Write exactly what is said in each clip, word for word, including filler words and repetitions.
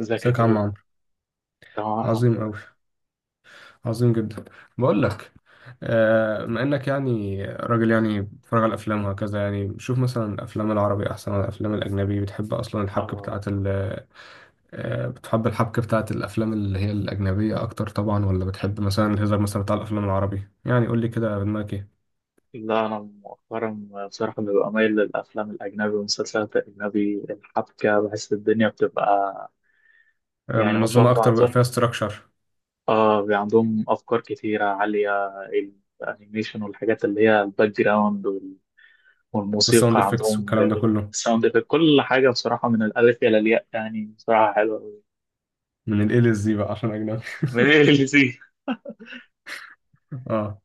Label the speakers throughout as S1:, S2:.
S1: ازيك يا
S2: ازيك يا عم
S1: كريم؟
S2: عمرو؟
S1: تمام الحمد
S2: عظيم
S1: لله.
S2: أوي. عظيم جدا. بقول لك، آه، بما انك يعني راجل يعني بتتفرج على الافلام وهكذا. يعني شوف مثلا، الافلام العربي احسن ولا الافلام الاجنبي؟ بتحب اصلا الحبكه
S1: آه
S2: بتاعه ال آه، بتحب الحبكه بتاعه الافلام اللي هي الاجنبيه اكتر طبعا، ولا بتحب مثلا الهزار مثلا بتاع الافلام العربي؟ يعني قول لي كده دماغك ايه.
S1: لا، أنا مؤخرا بصراحة ببقى مايل للأفلام الأجنبي والمسلسلات الأجنبي، الحبكة بحس الدنيا بتبقى
S2: آه،
S1: يعني ما شاء
S2: منظمه
S1: الله
S2: اكتر بقى،
S1: عندهم.
S2: فيها استراكشر.
S1: آه، بي- عندهم أفكار كتيرة عالية، الأنيميشن والحاجات اللي هي الباك جراوند وال-
S2: والساوند
S1: والموسيقى
S2: افكتس
S1: عندهم
S2: والكلام ده
S1: جميلة.
S2: كله.
S1: الساوند إفكت، كل حاجة بصراحة من الألف إلى الياء، يعني بصراحة حلوة أوي.
S2: من الاي للزي بقى عشان اجنبي.
S1: من ايه اللي زي؟
S2: اه.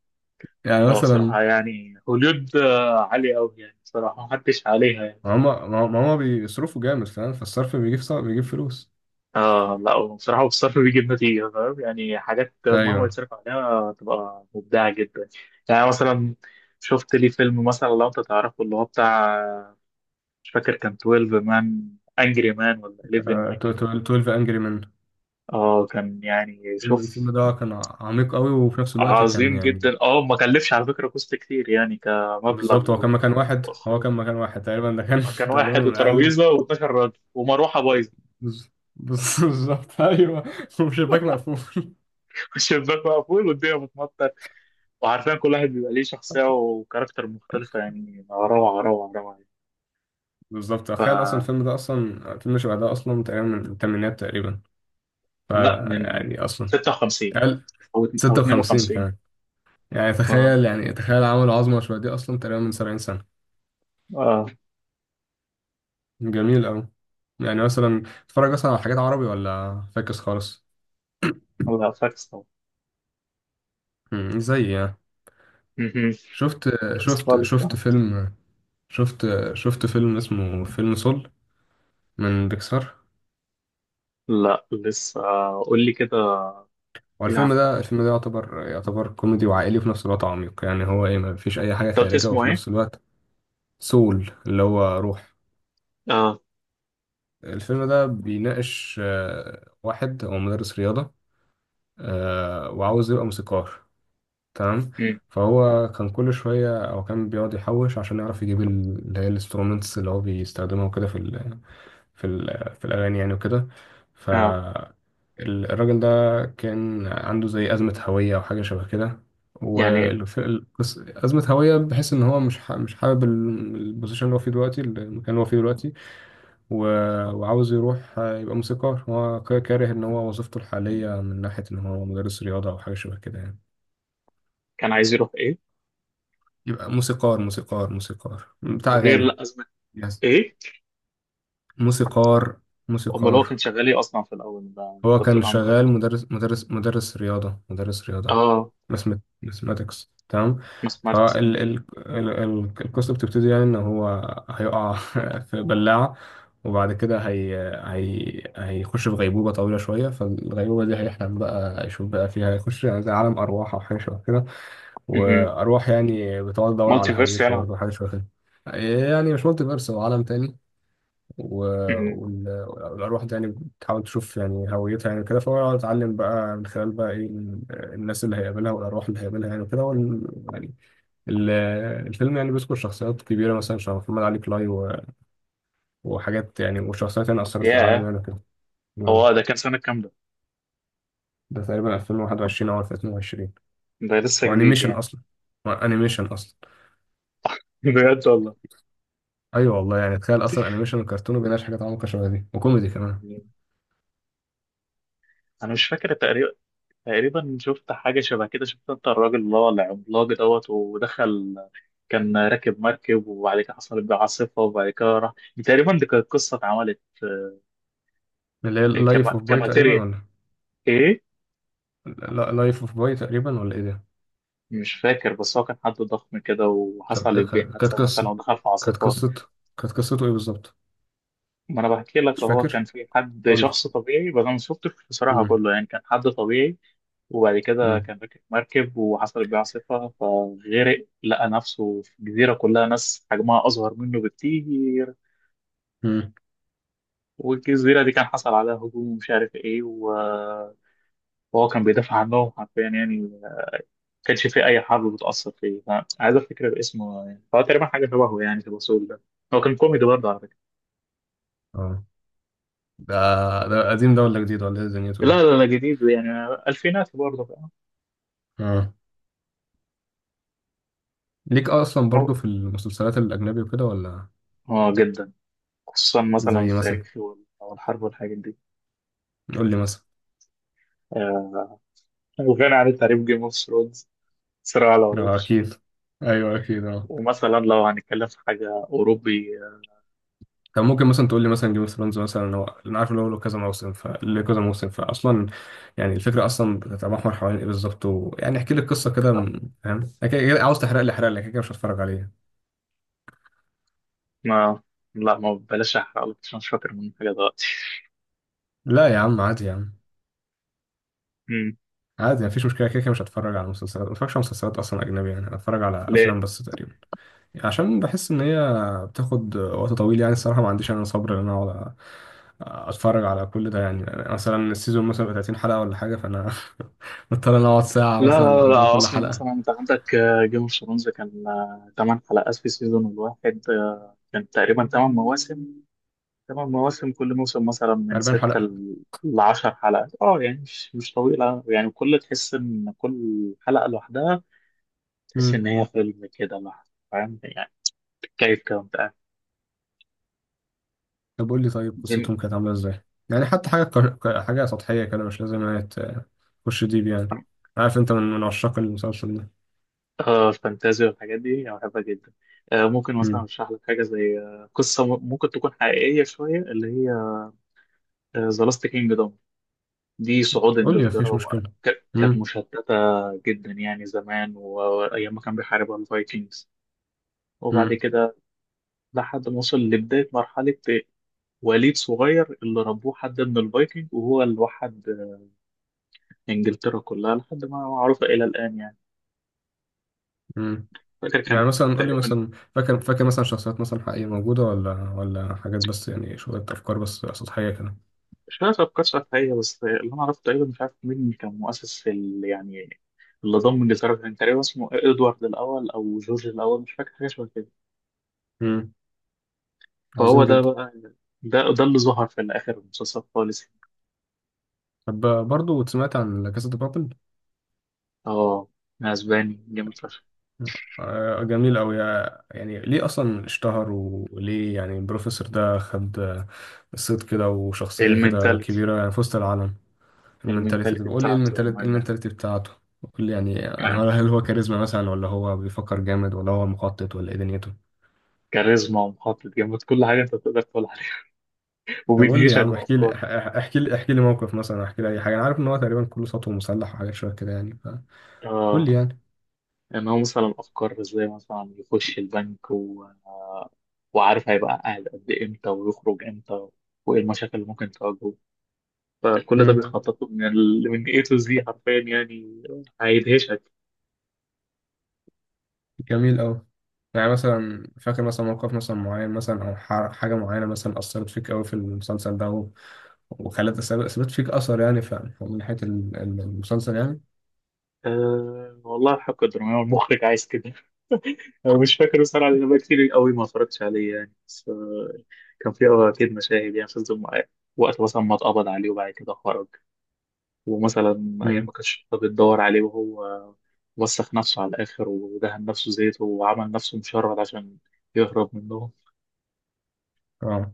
S2: يعني
S1: اه
S2: مثلا
S1: بصراحة، يعني هوليود آه، عالية أوي، يعني بصراحة محدش عليها يعني.
S2: ما هما ما ما هما بيصرفوا جامد فاهم، فالصرف بيجيب صع- بيجيب فلوس.
S1: اه لا، هو بصراحة الصرف بيجيب نتيجة، فاهم؟ يعني حاجات مهما
S2: ايوه.
S1: يتصرف عليها تبقى مبدعة جدا. يعني مثلا شفت لي فيلم مثلا، لو انت تعرفه اللي هو بتاع، مش فاكر، كان اثنا عشر مان انجري مان ولا حداشر
S2: آه،
S1: انجري؟
S2: اتناشر انجري مان.
S1: اه كان يعني
S2: الفيلم الفيلم
S1: شوف
S2: ده كان عميق قوي، وفي نفس الوقت كان
S1: عظيم
S2: يعني.
S1: جدا. اه ما كلفش على فكرة كوست كتير، يعني كمبلغ
S2: بالظبط، هو كان مكان واحد، هو
S1: وإخراج.
S2: كان مكان واحد تقريبا، ده كان
S1: كان
S2: تقريبا
S1: واحد
S2: من اقل.
S1: وترابيزة و12 راجل ومروحة بايظة،
S2: بز- بز- بالظبط ايوه. وشباك مقفول.
S1: والشباك مقفول والدنيا بتمطر، وعارفين كل واحد بيبقى ليه شخصية وكاركتر مختلفة، يعني روعة، روعة، روعة يعني.
S2: بالظبط، تخيل اصلا الفيلم ده اصلا فيلم شبه ده اصلا تقريبا من الثمانينات تقريبا.
S1: لا، من
S2: فيعني اصلا
S1: ستة وخمسين
S2: اقل.
S1: أو اتن- أو
S2: ستة وخمسين
S1: اثنين وخمسين.
S2: كمان. يعني
S1: آه،
S2: تخيل، يعني تخيل عملوا عظمه شبه دي اصلا تقريبا من سبعين سنة سنه.
S1: آه،
S2: جميل أوي. يعني مثلا بتتفرج مثلا على حاجات عربي ولا فاكس خالص؟
S1: لا فاكس طبعا.
S2: مم، زي يعني.
S1: مهم.
S2: شفت
S1: فاكس
S2: شفت
S1: خالص
S2: شفت
S1: كمان.
S2: فيلم شفت شفت فيلم اسمه فيلم سول من بيكسار.
S1: لا لسه، آه، قول لي كده.
S2: والفيلم
S1: نعم.
S2: ده الفيلم ده يعتبر يعتبر كوميدي وعائلي وفي نفس الوقت عميق. يعني هو ايه، ما فيش اي حاجة
S1: أنت قلت
S2: خارجة
S1: اسمه
S2: وفي
S1: إيه؟
S2: نفس الوقت. سول اللي هو روح.
S1: آه.
S2: الفيلم ده بيناقش آه، واحد هو مدرس رياضة، آه، وعاوز يبقى موسيقار. تمام.
S1: مم.
S2: فهو كان كل شوية أو كان بيقعد يحوش عشان يعرف يجيب ال- اللي هي الانسترومنتس اللي هو بيستخدمها وكده، في ال في ال في الأغاني يعني وكده.
S1: آه.
S2: فالراجل ده كان عنده زي أزمة هوية أو حاجة شبه كده.
S1: يعني
S2: والقصة أزمة هوية، بحيث إن هو مش ح- مش حابب ال- البوزيشن اللي هو فيه دلوقتي، المكان اللي هو فيه دلوقتي. و- وعاوز يروح يبقى موسيقار. هو كاره إن هو وظيفته الحالية من ناحية إن هو مدرس رياضة أو حاجة شبه كده يعني.
S1: كان عايز يروح إيه؟
S2: يبقى موسيقار، موسيقار موسيقار بتاع
S1: غير،
S2: أغاني.
S1: لا، أزمة
S2: يس.
S1: إيه؟
S2: موسيقار.
S1: أمال هو كان
S2: موسيقار.
S1: شغال إيه أصلا في الأول ده؟ أنت
S2: هو كان
S1: بتقول عنده
S2: شغال
S1: أزمة.
S2: مدرس، مدرس مدرس رياضة مدرس رياضة.
S1: آه.
S2: ماثمات- ماثماتكس. تمام. فال
S1: ماثماتكس.
S2: ال ال ال- القصة بتبتدي يعني إن هو هيقع في بلاعة. وبعد كده هي هي هيخش في غيبوبة طويلة شوية، فالغيبوبة دي هيحلم بقى يشوف بقى فيها، يخش يعني زي عالم أرواح أو حاجة شبه كده. واروح يعني بتقعد ادور على
S1: مالتي فيرس
S2: هويتها
S1: يعني ولا إيه؟
S2: برضه، حاجه شبه كده. يعني مش مالتي فيرس، هو عالم تاني. و...
S1: مهم.
S2: وال... والأرواح دي يعني بتحاول تشوف يعني هويتها يعني كده، فهو اتعلم بقى من خلال بقى إيه، الناس اللي هيقابلها والأرواح اللي هيقابلها يعني كده. وال... يعني ال... الفيلم يعني بيذكر شخصيات كبيرة مثلا شبه محمد علي كلاي، و... وحاجات يعني، وشخصيات يعني أثرت في العالم
S1: ياه.
S2: يعني كده.
S1: هو ده كان سنة كام ده؟
S2: ده تقريبا ألفين وواحد وعشرين أو ألفين واتنين وعشرين.
S1: ده لسه جديد
S2: وأنيميشن
S1: يعني.
S2: أصلا. وأنيميشن أصلا.
S1: بجد والله.
S2: ايوه والله، يعني تخيل اصلا انيميشن وكرتون وبيناقش حاجات عمقى شبه دي، وكوميدي كمان.
S1: انا مش فاكر، تقريبا تقريبا شفت حاجه شبه كده. شفت، انت الراجل اللي هو العملاق دوت ودخل، كان راكب مركب وبعد كده حصلت بيه عاصفه وبعد كده راح، تقريبا دي كانت قصه اتعملت.
S2: اللي هي
S1: آه،
S2: لايف
S1: كما-
S2: اوف باي تقريبا،
S1: كماتيريال.
S2: ولا؟
S1: ايه.
S2: لا لايف اوف باي تقريبا ولا ايه ده؟
S1: مش فاكر، بس هو كان حد ضخم كده
S2: طب إيه،
S1: وحصل بيه
S2: ك- كانت
S1: حادثه مثلا
S2: قصه
S1: ودخل في
S2: كانت
S1: عاصفه.
S2: قصه كانت قصته ايه بالظبط؟
S1: ما انا بحكي لك،
S2: مش
S1: هو كان
S2: فاكر.
S1: في حد
S2: قول لي.
S1: شخص طبيعي، بس انا ما شفتش بصراحه
S2: مم.
S1: كله يعني، كان حد طبيعي وبعد كده
S2: مم.
S1: كان راكب مركب وحصلت بيه عاصفه فغرق، لقى نفسه في جزيره كلها ناس حجمها اصغر منه بكتير.
S2: مم.
S1: والجزيره دي كان حصل عليها هجوم ومش عارف ايه، و- وهو كان بيدافع عنهم حرفيا، يعني ما كانش في اي حرب بتاثر فيه، فعايز افتكر اسمه يعني. فهو تقريبا حاجه شبهه يعني في الوصول ده. هو كان كوميدي برضه على فكره.
S2: اه. ده، ده قديم ده ولا جديد ولا ايه دنيته ده؟
S1: لا، لا، لا، جديد يعني، الفينات برضه.
S2: اه. ليك اصلا برضو في المسلسلات الاجنبي وكده، ولا؟
S1: اه جدا، خصوصا مثلا
S2: زي مثلا،
S1: التاريخ وال- أو الحرب والحاجات دي.
S2: قول لي مثلا.
S1: آه، وغني عن التعريف، جيم اوف ثرونز، صراع
S2: اه
S1: العروش.
S2: اكيد. ايوه اكيد اه.
S1: ومثلا لو هنتكلم في حاجة أوروبي آه،
S2: طب ممكن مثلا تقول لي مثلا جيم اوف ثرونز مثلا؟ هو انا عارف ان هو له كذا موسم، فله كذا موسم، فاصلا يعني الفكره اصلا بتتمحور حوالين ايه بالظبط؟ ويعني احكي لي القصه كده، م- فاهم؟ أنا كده- كده عاوز، تحرق لي، احرق لي كده، كده مش هتفرج عليه.
S1: ما لا، ما بلاش أحرقلك عشان مش فاكر من حاجة دلوقتي.
S2: لا يا عم عادي يا عم.
S1: مم.
S2: عادي مفيش مشكله، كده كده مش هتفرج على مسلسلات. ما بتفرجش على مسلسلات اصلا اجنبي يعني، هتفرج على افلام
S1: ليه؟
S2: بس تقريبا. عشان بحس ان هي بتاخد وقت طويل يعني. الصراحه ما عنديش انا صبر ان انا اقعد اتفرج على كل ده. يعني مثلا السيزون مثلا بيبقى ثلاثين حلقة حلقه ولا حاجه، فانا بضطر ان اقعد ساعه
S1: لا،
S2: مثلا
S1: لا، لا،
S2: قدام
S1: لا،
S2: كل
S1: أصلا
S2: حلقه.
S1: مثلا أنت عندك جيم اوف ثرونز، كان آه، تمن حلقات في سيزون الواحد، آه، كان تقريبا تمن مواسم. تمن مواسم، كل موسم مثلا من
S2: أربعين حلقة
S1: ستة
S2: حلقه.
S1: ل- لعشر حلقات، اه يعني مش مش طويلة، يعني كل تحس إن كل حلقة لوحدها، تحس
S2: امم.
S1: إن هي فيلم كده لحظة، فاهم يعني؟ بتتكيف كده وأنت قاعد.
S2: طب قول لي، طيب
S1: دي ال-
S2: قصتهم كانت عامله ازاي؟ يعني حتى حاجه كر... ك- حاجه سطحيه كده، مش لازم هي ت- تخش ديب يعني. عارف انت من من عشاق المسلسل ده.
S1: آه الفانتازيا والحاجات دي أنا بحبها جدا. آه ممكن مثلا
S2: امم.
S1: أشرح لك حاجة زي آه قصة م- ممكن تكون حقيقية شوية، اللي هي ذا لاست كينجدوم. دي صعود
S2: قول لي
S1: إنجلترا،
S2: مفيش
S1: وك-
S2: مشكله.
S1: كانت
S2: امم.
S1: مشتتة جدا يعني زمان و- وأيام ما كان بيحاربها الفايكنجز، وبعد كده لحد ما وصل لبداية مرحلة وليد صغير اللي ربوه حد من الفايكنج، وهو اللي وحد آه، إنجلترا كلها لحد ما معروفة إلى الآن يعني.
S2: امم.
S1: فاكر كان
S2: يعني مثلا قول لي
S1: تقريبا
S2: مثلا، فاكر فاكر مثلا شخصيات مثلا حقيقية موجودة، ولا ولا حاجات بس يعني شوية أفكار بس سطحية كده؟
S1: مش فاكر أفكار شافعية، بس اللي أنا عرفته تقريبا مش عارف مين كان مؤسس ال- يعني اللي ضم إنجلترا، كان تقريبا اسمه إدوارد الأول أو جورج الأول، مش فاكر حاجة شبه كده.
S2: امم.
S1: فهو
S2: عظيم
S1: ده
S2: جدا.
S1: بقى، ده ده اللي ظهر في الآخر المسلسل خالص.
S2: طب برضه سمعت عن لا كاسا دي بابل.
S1: اه أسباني جامد فشخ.
S2: آه، جميل أوي. آه، يعني ليه أصلا اشتهر، وليه يعني البروفيسور ده خد آه، صيت كده وشخصية كده
S1: المنتاليتي.
S2: كبيرة يعني في وسط العالم؟ المنتاليتي؟ طب
S1: المنتاليتي
S2: قول لي إيه
S1: بتاعته
S2: المنتاليتي، إيه
S1: يعني،
S2: المنتاليتي بتاعته؟ قول لي يعني، يعني
S1: يعني
S2: هل هل هو كاريزما مثلا، ولا هو بيفكر جامد، ولا هو مخطط، ولا إيه دنيته؟
S1: كاريزما ومحطة جامد، كل حاجة أنت تقدر تقول عليها،
S2: طب قول لي يا
S1: وبيدهشك
S2: عم، احكي لي
S1: بأفكاره.
S2: اح- احكي لي احكي لي موقف مثلا، احكي لي اي حاجه. انا عارف ان هو تقريبا كله سطو مسلح وحاجات شويه كده يعني، فقول
S1: اه،
S2: لي يعني.
S1: ان هو مثلا افكار زي مثلا يخش البنك، و... وعارف هيبقى قاعد قد إيه، امتى ويخرج امتى، وايه المشاكل اللي ممكن تواجهه، فكل ده
S2: امم.
S1: بيخطط له من ال... من إيه تو زد حرفيا يعني، هيدهشك.
S2: جميل أوي. يعني مثلا فاكر مثلا موقف مثلا معين مثلا، أو ح- حاجة معينة مثلا أثرت فيك أوي في المسلسل ده، و- وخلت أثر- سابت فيك أثر يعني، ف- من ناحية ال- ال- المسلسل يعني.
S1: أه والله حق الدراما المخرج عايز كده. أنا مش فاكر بصراحة، لأن بقى كتير قوي ما اتفرجتش عليه يعني، بس آه، كان في أكيد مشاهد، يعني شفت وقت مثلا ما اتقبض عليه وبعد كده خرج، ومثلا أيام ما
S2: امم.
S1: كانتش الشرطه بتدور عليه وهو وسخ نفسه على الآخر ودهن نفسه زيت وعمل نفسه مشرد عشان يهرب منهم.
S2: اه،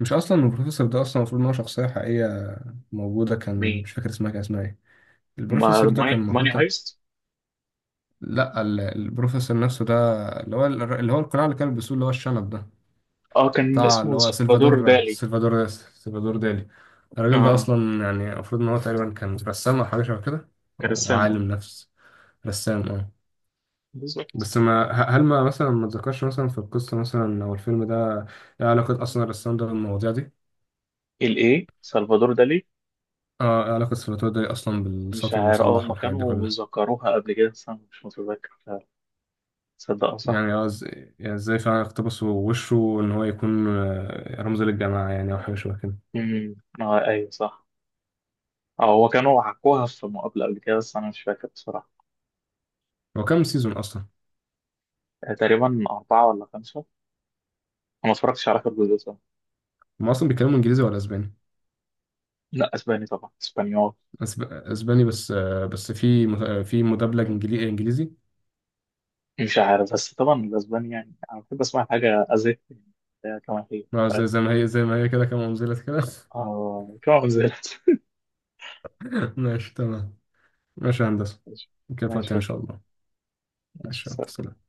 S2: مش أصلا البروفيسور ده أصلا المفروض إن هو شخصية حقيقية موجودة كان،
S1: مين؟
S2: مش فاكر اسمها كان اسمها إيه؟
S1: ما
S2: البروفيسور ده
S1: ماني
S2: كان
S1: ماني
S2: المفروض.
S1: هايست؟
S2: لا، ال- البروفيسور نفسه ده، اللي هو الر- اللي هو القناع اللي كان بيلبسوه، اللي هو الشنب ده.
S1: اه، كان
S2: بتاع اللي
S1: اسمه
S2: هو
S1: سلفادور
S2: سلفادور،
S1: دالي.
S2: سلفادور سلفادور دالي. الراجل ده
S1: اه،
S2: اصلا يعني المفروض ان هو تقريبا كان رسام او حاجه شبه كده. او
S1: كرسام اه.
S2: عالم نفس. رسام اه.
S1: بالظبط.
S2: بس ما ه- هل ما مثلا ما اتذكرش مثلا في القصه مثلا او الفيلم ده، ايه علاقه اصلا الرسام ده بالمواضيع دي؟
S1: الايه سلفادور دالي.
S2: اه، ايه علاقه سلفادور دالي اصلا
S1: مش
S2: بالسطو
S1: عارف، اه
S2: المسلح
S1: هما
S2: والحاجات دي
S1: كانوا
S2: كلها؟
S1: ذكروها قبل كده بس انا مش متذكر، تصدق، اه صح.
S2: يعني اه إز- يعني ازاي فعلا اقتبسوا وشه ان هو يكون آه، رمز للجماعه يعني، او حاجه شبه كده؟
S1: امم. اه ايوه صح. اه، هو كانوا حكوها في مقابلة قبل كده بس انا مش فاكر بصراحة.
S2: هو كام سيزون اصلا؟
S1: آه، تقريبا أربعة ولا خمسة، أنا ما اتفرجتش على آخر جزء.
S2: هم اصلا بيتكلموا انجليزي ولا اسباني؟
S1: لا، اسباني طبعا، اسبانيول.
S2: أسب... اسباني، بس آه، بس في مت- آه، في مدبلج انجليزي انجليزي.
S1: مش عارف، بس طبعا الاسباني يعني انا بحب اسمع حاجه ازيك كما هي
S2: آه، زي،
S1: فاهم.
S2: زي ما هي زي ما هي كده، كما انزلت كده.
S1: اه كما انزلت.
S2: ماشي تمام. ماشي يا هندسة.
S1: ماشي.
S2: نكمل في
S1: ماشي
S2: وقتنا ان شاء
S1: اوكي.
S2: الله. ماشي يلا،
S1: ماشي.
S2: سلام.